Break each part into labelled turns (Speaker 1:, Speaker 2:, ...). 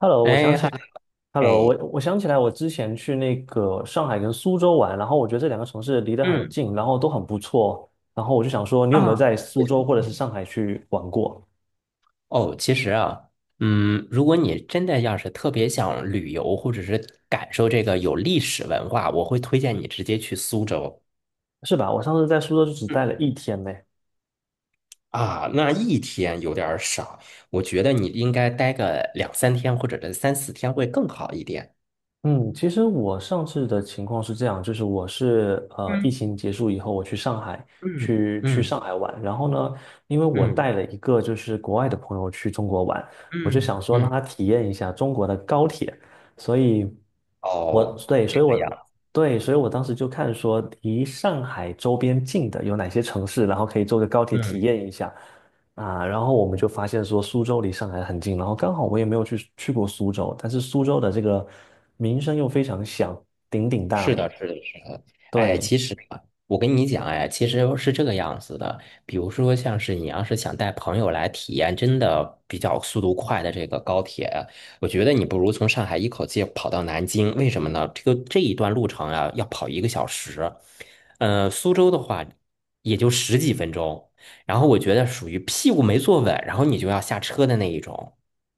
Speaker 1: Hello，我想
Speaker 2: 哎
Speaker 1: 起
Speaker 2: 嗨。
Speaker 1: ，Hello，我
Speaker 2: 哎。
Speaker 1: 我想起来，我之前去那个上海跟苏州玩，然后我觉得这两个城市离得很
Speaker 2: 嗯。
Speaker 1: 近，然后都很不错，然后我就想说，你有没有
Speaker 2: 啊。
Speaker 1: 在苏州或者是上海去玩过？
Speaker 2: 哦，其实啊，如果你真的要是特别想旅游，或者是感受这个有历史文化，我会推荐你直接去苏州。
Speaker 1: 是吧？我上次在苏州就只
Speaker 2: 嗯。
Speaker 1: 待了一天呢。
Speaker 2: 啊，那一天有点儿少，我觉得你应该待个两三天，或者是三四天会更好一点。
Speaker 1: 嗯，其实我上次的情况是这样，就是我是疫
Speaker 2: 嗯
Speaker 1: 情结束以后，我去上海
Speaker 2: 嗯
Speaker 1: 去
Speaker 2: 嗯
Speaker 1: 上海玩，然后呢，因为我
Speaker 2: 嗯
Speaker 1: 带了一个就是国外的朋友去中国玩，我就
Speaker 2: 嗯
Speaker 1: 想说让
Speaker 2: 嗯。
Speaker 1: 他体验一下中国的高铁，所以我
Speaker 2: 哦，
Speaker 1: 对，
Speaker 2: 这
Speaker 1: 所以
Speaker 2: 个样。
Speaker 1: 我我当时就看说离上海周边近的有哪些城市，然后可以坐个高铁体
Speaker 2: 嗯。
Speaker 1: 验一下。啊，然后我们就发现说苏州离上海很近，然后刚好我也没有去过苏州，但是苏州的这个名声又非常响，鼎鼎大
Speaker 2: 是
Speaker 1: 名。
Speaker 2: 的，是的，是的。哎，
Speaker 1: 对，
Speaker 2: 其实啊，我跟你讲，哎，其实是这个样子的。比如说，像是你要是想带朋友来体验真的比较速度快的这个高铁，我觉得你不如从上海一口气跑到南京。为什么呢？这个这一段路程啊，要跑1个小时。苏州的话也就十几分钟。然后我觉得属于屁股没坐稳，然后你就要下车的那一种。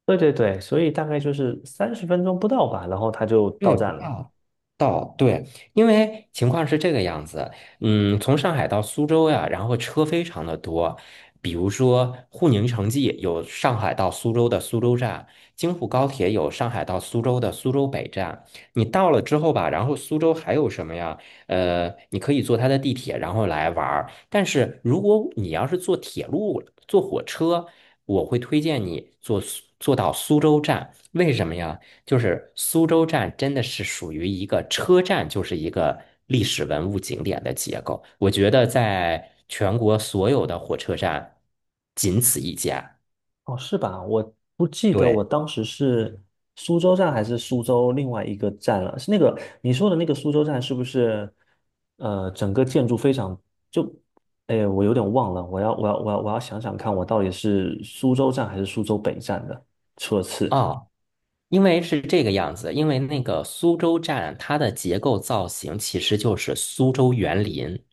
Speaker 1: 对对对，所以大概就是30分钟不到吧，然后他就到
Speaker 2: 对，不
Speaker 1: 站了。
Speaker 2: 到。对。因为情况是这个样子，嗯，从上海到苏州呀，然后车非常的多，比如说沪宁城际有上海到苏州的苏州站，京沪高铁有上海到苏州的苏州北站。你到了之后吧，然后苏州还有什么呀？你可以坐它的地铁，然后来玩儿。但是如果你要是坐铁路、坐火车，我会推荐你坐到苏州站，为什么呀？就是苏州站真的是属于一个车站，就是一个历史文物景点的结构。我觉得在全国所有的火车站，仅此一家。
Speaker 1: 哦，是吧？我不记得我
Speaker 2: 对。
Speaker 1: 当时是苏州站还是苏州另外一个站了。是那个你说的那个苏州站，是不是？呃，整个建筑非常就，哎，我有点忘了。我要想想看，我到底是苏州站还是苏州北站的车次
Speaker 2: 啊，因为是这个样子，因为那个苏州站它的结构造型其实就是苏州园林，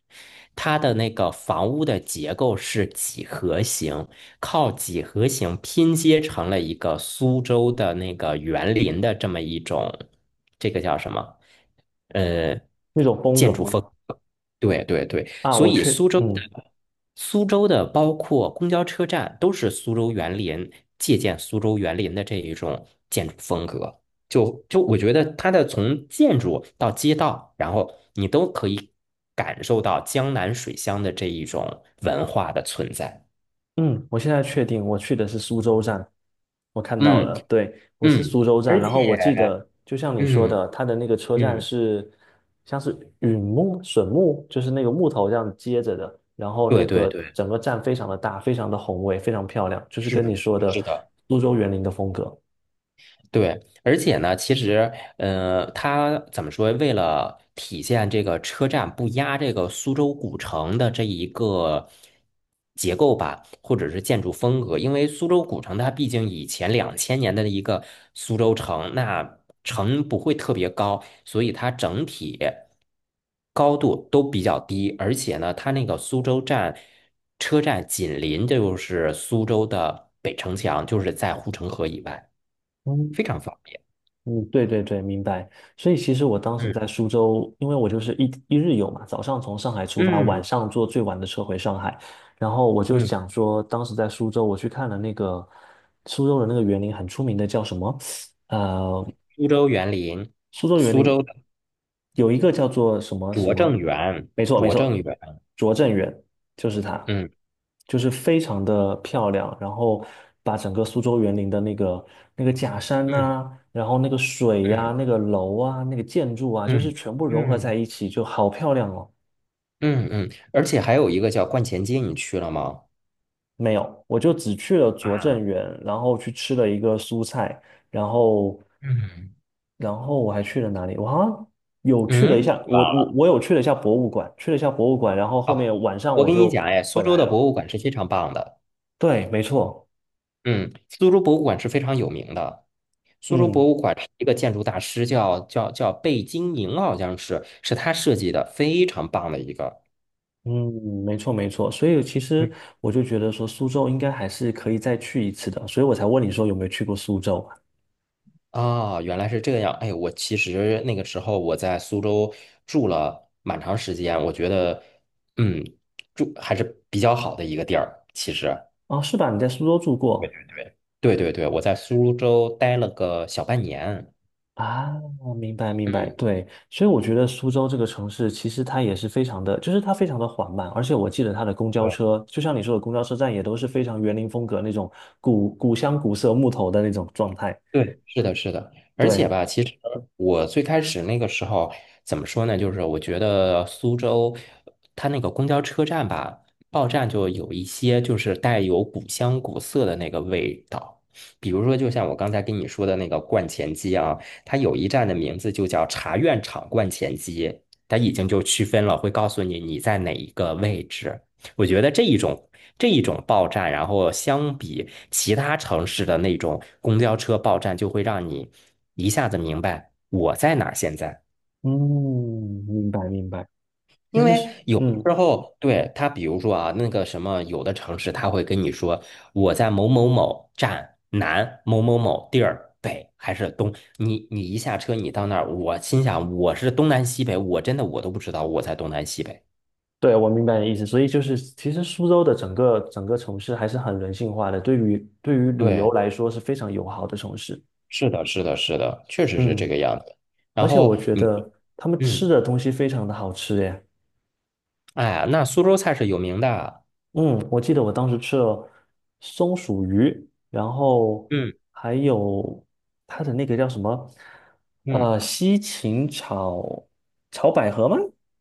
Speaker 2: 它的那个房屋的结构是几何形，靠几何形拼接成了一个苏州的那个园林的这么一种，这个叫什么？呃，
Speaker 1: 那种风格
Speaker 2: 建筑
Speaker 1: 吗？
Speaker 2: 风格。对对对，
Speaker 1: 啊，
Speaker 2: 所
Speaker 1: 我
Speaker 2: 以
Speaker 1: 去，嗯。
Speaker 2: 苏州的包括公交车站都是苏州园林借鉴苏州园林的这一种建筑风格。就我觉得它的从建筑到街道，然后你都可以感受到江南水乡的这一种文化的存在。
Speaker 1: 嗯，我现在确定我去的是苏州站，我看到
Speaker 2: 嗯
Speaker 1: 了，对，我是
Speaker 2: 嗯，
Speaker 1: 苏州站，
Speaker 2: 而
Speaker 1: 然后我
Speaker 2: 且
Speaker 1: 记得就像你说
Speaker 2: 嗯
Speaker 1: 的，它的那个车站
Speaker 2: 嗯。
Speaker 1: 是像是榉木、笋木，就是那个木头这样接着的，然后
Speaker 2: 对
Speaker 1: 那
Speaker 2: 对
Speaker 1: 个
Speaker 2: 对，
Speaker 1: 整个站非常的大，非常的宏伟，非常漂亮，就是
Speaker 2: 是
Speaker 1: 跟你
Speaker 2: 的，
Speaker 1: 说的
Speaker 2: 是的。
Speaker 1: 苏州园林的风格。
Speaker 2: 对。而且呢，其实，它怎么说？为了体现这个车站不压这个苏州古城的这一个结构吧，或者是建筑风格，因为苏州古城它毕竟以前2000年的一个苏州城，那城不会特别高，所以它整体高度都比较低，而且呢，它那个苏州站车站紧邻就是苏州的北城墙，就是在护城河以外，非常方便。
Speaker 1: 嗯，对对对，明白。所以其实我当时在
Speaker 2: 嗯
Speaker 1: 苏州，因为我就是一日游嘛，早上从上海出发，晚
Speaker 2: 嗯
Speaker 1: 上坐最晚的车回上海。然后我就
Speaker 2: 嗯。
Speaker 1: 想说，当时在苏州，我去看了那个苏州的那个园林，很出名的叫什么？
Speaker 2: 苏州园林。
Speaker 1: 苏州园
Speaker 2: 苏
Speaker 1: 林
Speaker 2: 州的
Speaker 1: 有一个叫做什么什
Speaker 2: 拙
Speaker 1: 么，
Speaker 2: 政园。
Speaker 1: 没错没
Speaker 2: 拙政
Speaker 1: 错，
Speaker 2: 园。
Speaker 1: 拙政园就是它，
Speaker 2: 嗯
Speaker 1: 就是非常的漂亮，然后把整个苏州园林的那个那个假山
Speaker 2: 嗯
Speaker 1: 呐、然后那个水呀、
Speaker 2: 嗯
Speaker 1: 那个楼啊、那个建筑啊，就是
Speaker 2: 嗯
Speaker 1: 全部融合在
Speaker 2: 嗯
Speaker 1: 一起，就好漂亮哦。
Speaker 2: 嗯嗯。而且还有一个叫观前街，你去了吗？
Speaker 1: 没有，我就只去了拙政
Speaker 2: 啊。
Speaker 1: 园，然后去吃了一个蔬菜，然后，
Speaker 2: 嗯
Speaker 1: 然后我还去了哪里？我好像
Speaker 2: 嗯。哇。
Speaker 1: 有去了一下博物馆，然后后
Speaker 2: 哦，
Speaker 1: 面晚上
Speaker 2: 我
Speaker 1: 我
Speaker 2: 跟你
Speaker 1: 就
Speaker 2: 讲，哎，
Speaker 1: 回
Speaker 2: 苏州
Speaker 1: 来
Speaker 2: 的
Speaker 1: 了。
Speaker 2: 博物馆是非常棒的。
Speaker 1: 对，没错，
Speaker 2: 嗯，苏州博物馆是非常有名的。苏州博
Speaker 1: 嗯
Speaker 2: 物馆是一个建筑大师叫贝聿铭，好像是他设计的，非常棒的一个。
Speaker 1: 嗯，没错没错。所以其实我就觉得说苏州应该还是可以再去一次的，所以我才问你说有没有去过苏州啊？
Speaker 2: 啊，原来是这样。哎，我其实那个时候我在苏州住了蛮长时间，我觉得，嗯，住还是比较好的一个地儿。其实，
Speaker 1: 哦是吧？你在苏州住过？
Speaker 2: 对对对，我在苏州待了个小半年。
Speaker 1: 啊，明白明白，
Speaker 2: 嗯，
Speaker 1: 对，所以我觉得苏州这个城市其实它也是非常的，就是它非常的缓慢，而且我记得它的公交车，就像你说的，公交车站也都是非常园林风格那种古古香古色木头的那种状态。
Speaker 2: 对，是的，是的，而且
Speaker 1: 对，
Speaker 2: 吧，其实我最开始那个时候怎么说呢？就是我觉得苏州它那个公交车站吧，报站就有一些就是带有古香古色的那个味道，比如说就像我刚才跟你说的那个观前街啊，它有一站的名字就叫茶院场观前街，它已经就区分了，会告诉你你在哪一个位置。我觉得这一种报站，然后相比其他城市的那种公交车报站，就会让你一下子明白我在哪儿现在。
Speaker 1: 嗯，明白明白。其
Speaker 2: 因
Speaker 1: 实
Speaker 2: 为
Speaker 1: 是，
Speaker 2: 有的时
Speaker 1: 嗯，
Speaker 2: 候，对，他比如说啊，那个什么，有的城市他会跟你说我在某某某站南某某某地儿北还是东，你一下车你到那儿，我心想我是东南西北，我真的我都不知道我在东南西北。
Speaker 1: 对，我明白你的意思。所以就是，其实苏州的整个城市还是很人性化的，对于旅游
Speaker 2: 对，
Speaker 1: 来说是非常友好的城市。
Speaker 2: 是的，是的，是的，确实是这
Speaker 1: 嗯，
Speaker 2: 个样子。然
Speaker 1: 而且我
Speaker 2: 后
Speaker 1: 觉
Speaker 2: 你。
Speaker 1: 得他们吃
Speaker 2: 嗯。
Speaker 1: 的东西非常的好吃耶。
Speaker 2: 哎呀，那苏州菜是有名的。
Speaker 1: 嗯，我记得我当时吃了松鼠鱼，然后
Speaker 2: 嗯
Speaker 1: 还有它的那个叫什么，
Speaker 2: 嗯
Speaker 1: 西芹炒百合吗？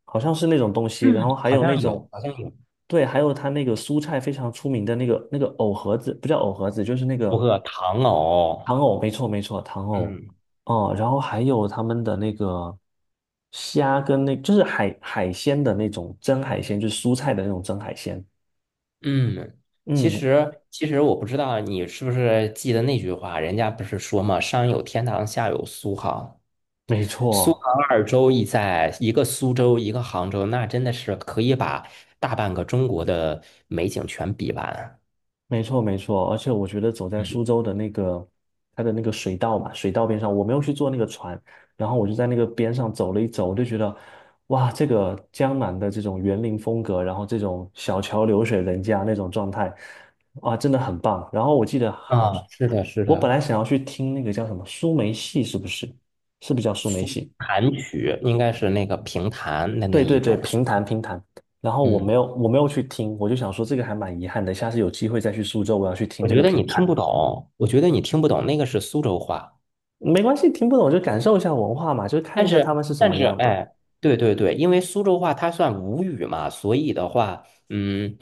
Speaker 1: 好像是那种东西。
Speaker 2: 嗯。
Speaker 1: 然后还
Speaker 2: 好
Speaker 1: 有那
Speaker 2: 像有，
Speaker 1: 种，
Speaker 2: 好像有，
Speaker 1: 对，还有它那个蔬菜非常出名的那个藕盒子，不叫藕盒子，就是那
Speaker 2: 不
Speaker 1: 个
Speaker 2: 过糖藕。
Speaker 1: 糖藕，没错没错，糖藕。
Speaker 2: 嗯
Speaker 1: 哦，然后还有他们的那个虾跟那，就是海鲜的那种蒸海鲜，就是蔬菜的那种蒸海鲜。
Speaker 2: 嗯。其
Speaker 1: 嗯，
Speaker 2: 实我不知道你是不是记得那句话，人家不是说嘛，上有天堂，下有苏杭。
Speaker 1: 没
Speaker 2: 苏
Speaker 1: 错，
Speaker 2: 杭二州一在，一个苏州，一个杭州，那真的是可以把大半个中国的美景全比完。
Speaker 1: 没错，没错。而且我觉得走在苏
Speaker 2: 嗯。
Speaker 1: 州的那个它的那个水道嘛，水道边上，我没有去坐那个船，然后我就在那个边上走了一走，我就觉得，哇，这个江南的这种园林风格，然后这种小桥流水人家那种状态，哇，真的很棒。然后我记得好，
Speaker 2: 啊，是的，是
Speaker 1: 我本
Speaker 2: 的，
Speaker 1: 来想要去听那个叫什么苏梅戏，是不是？是不是叫苏梅戏？
Speaker 2: 弹曲应该是那个评弹的那
Speaker 1: 对对
Speaker 2: 一
Speaker 1: 对，
Speaker 2: 种。
Speaker 1: 评弹评弹。然后我没有
Speaker 2: 嗯。
Speaker 1: 我没有去听，我就想说这个还蛮遗憾的，下次有机会再去苏州，我要去听
Speaker 2: 我
Speaker 1: 这
Speaker 2: 觉
Speaker 1: 个
Speaker 2: 得
Speaker 1: 评
Speaker 2: 你听不
Speaker 1: 弹。
Speaker 2: 懂，我觉得你听不懂，那个是苏州话。
Speaker 1: 没关系，听不懂就感受一下文化嘛，就是看一
Speaker 2: 但
Speaker 1: 下他们
Speaker 2: 是，
Speaker 1: 是什
Speaker 2: 但
Speaker 1: 么
Speaker 2: 是，
Speaker 1: 样的。
Speaker 2: 哎，对对对，因为苏州话它算吴语嘛，所以的话，嗯，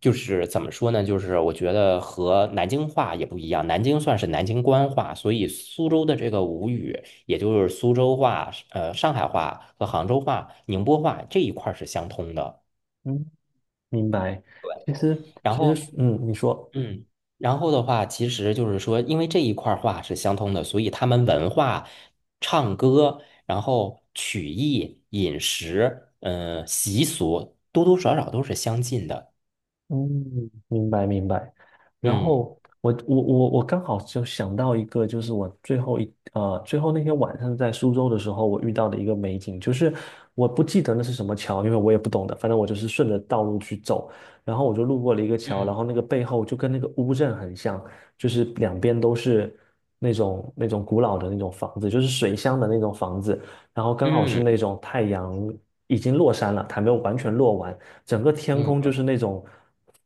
Speaker 2: 就是怎么说呢？就是我觉得和南京话也不一样，南京算是南京官话，所以苏州的这个吴语，也就是苏州话、上海话和杭州话、宁波话这一块儿是相通的。
Speaker 1: 嗯，明白。其实
Speaker 2: 然
Speaker 1: 其
Speaker 2: 后。
Speaker 1: 实，嗯，你说。
Speaker 2: 嗯，然后的话，其实就是说，因为这一块儿话是相通的，所以他们文化、唱歌，然后曲艺、饮食，嗯、习俗，多多少少都是相近的。
Speaker 1: 嗯，明白明白。然
Speaker 2: 嗯
Speaker 1: 后我刚好就想到一个，就是我最后最后那天晚上在苏州的时候，我遇到的一个美景，就是我不记得那是什么桥，因为我也不懂的，反正我就是顺着道路去走，然后我就路过了一个桥，然
Speaker 2: 嗯
Speaker 1: 后那个背后就跟那个乌镇很像，就是两边都是那种古老的那种房子，就是水乡的那种房子，然后刚好是
Speaker 2: 嗯
Speaker 1: 那种太阳已经落山了，还没有完全落完。整个天
Speaker 2: 嗯
Speaker 1: 空就
Speaker 2: 嗯。
Speaker 1: 是那种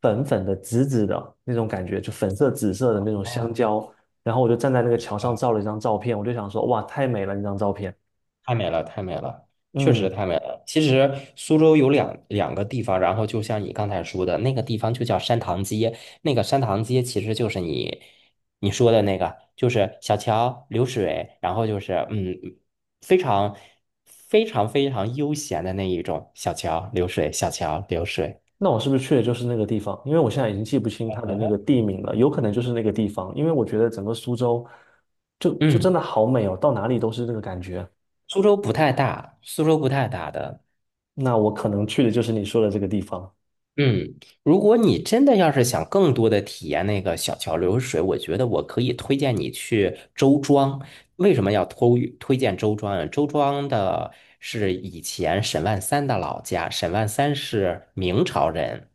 Speaker 1: 粉粉的、紫紫的那种感觉，就粉色、紫色的那种香
Speaker 2: 哦，
Speaker 1: 蕉。然后我就站在那个桥上照了一张照片，我就想说，哇，太美了那张照片。
Speaker 2: 太美了，太美了，确
Speaker 1: 嗯，
Speaker 2: 实太美了。其实苏州有两个地方，然后就像你刚才说的那个地方就叫山塘街，那个山塘街其实就是你说的那个，就是小桥流水，然后就是嗯，非常非常非常悠闲的那一种小桥流水，小桥流水。
Speaker 1: 那我是不是去的就是那个地方？因为我现在已经记不清它的那个地名了，有可能就是那个地方，因为我觉得整个苏州就真
Speaker 2: 嗯，
Speaker 1: 的好美哦，到哪里都是那个感觉。
Speaker 2: 苏州不太大，苏州不太大的。
Speaker 1: 那我可能去的就是你说的这个地方
Speaker 2: 嗯，如果你真的要是想更多的体验那个小桥流水，我觉得我可以推荐你去周庄。为什么要推荐周庄啊？周庄的是以前沈万三的老家，沈万三是明朝人，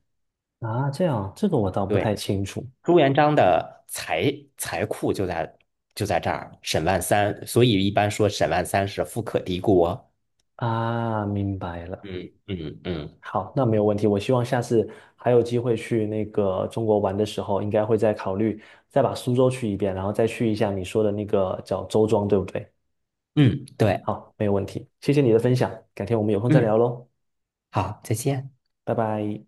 Speaker 1: 啊，这样，这个我倒不太
Speaker 2: 对，
Speaker 1: 清楚
Speaker 2: 朱元璋的财库就在这儿，沈万三，所以一般说沈万三是富可敌国。
Speaker 1: 啊，明白了。
Speaker 2: 嗯嗯嗯
Speaker 1: 好，那没有问题。我希望下次还有机会去那个中国玩的时候，应该会再考虑再把苏州去一遍，然后再去一下你说的那个叫周庄，对不对？
Speaker 2: 嗯。对。
Speaker 1: 好，没有问题。谢谢你的分享，改天我们有空再
Speaker 2: 嗯。
Speaker 1: 聊喽，
Speaker 2: 好，再见。
Speaker 1: 拜拜。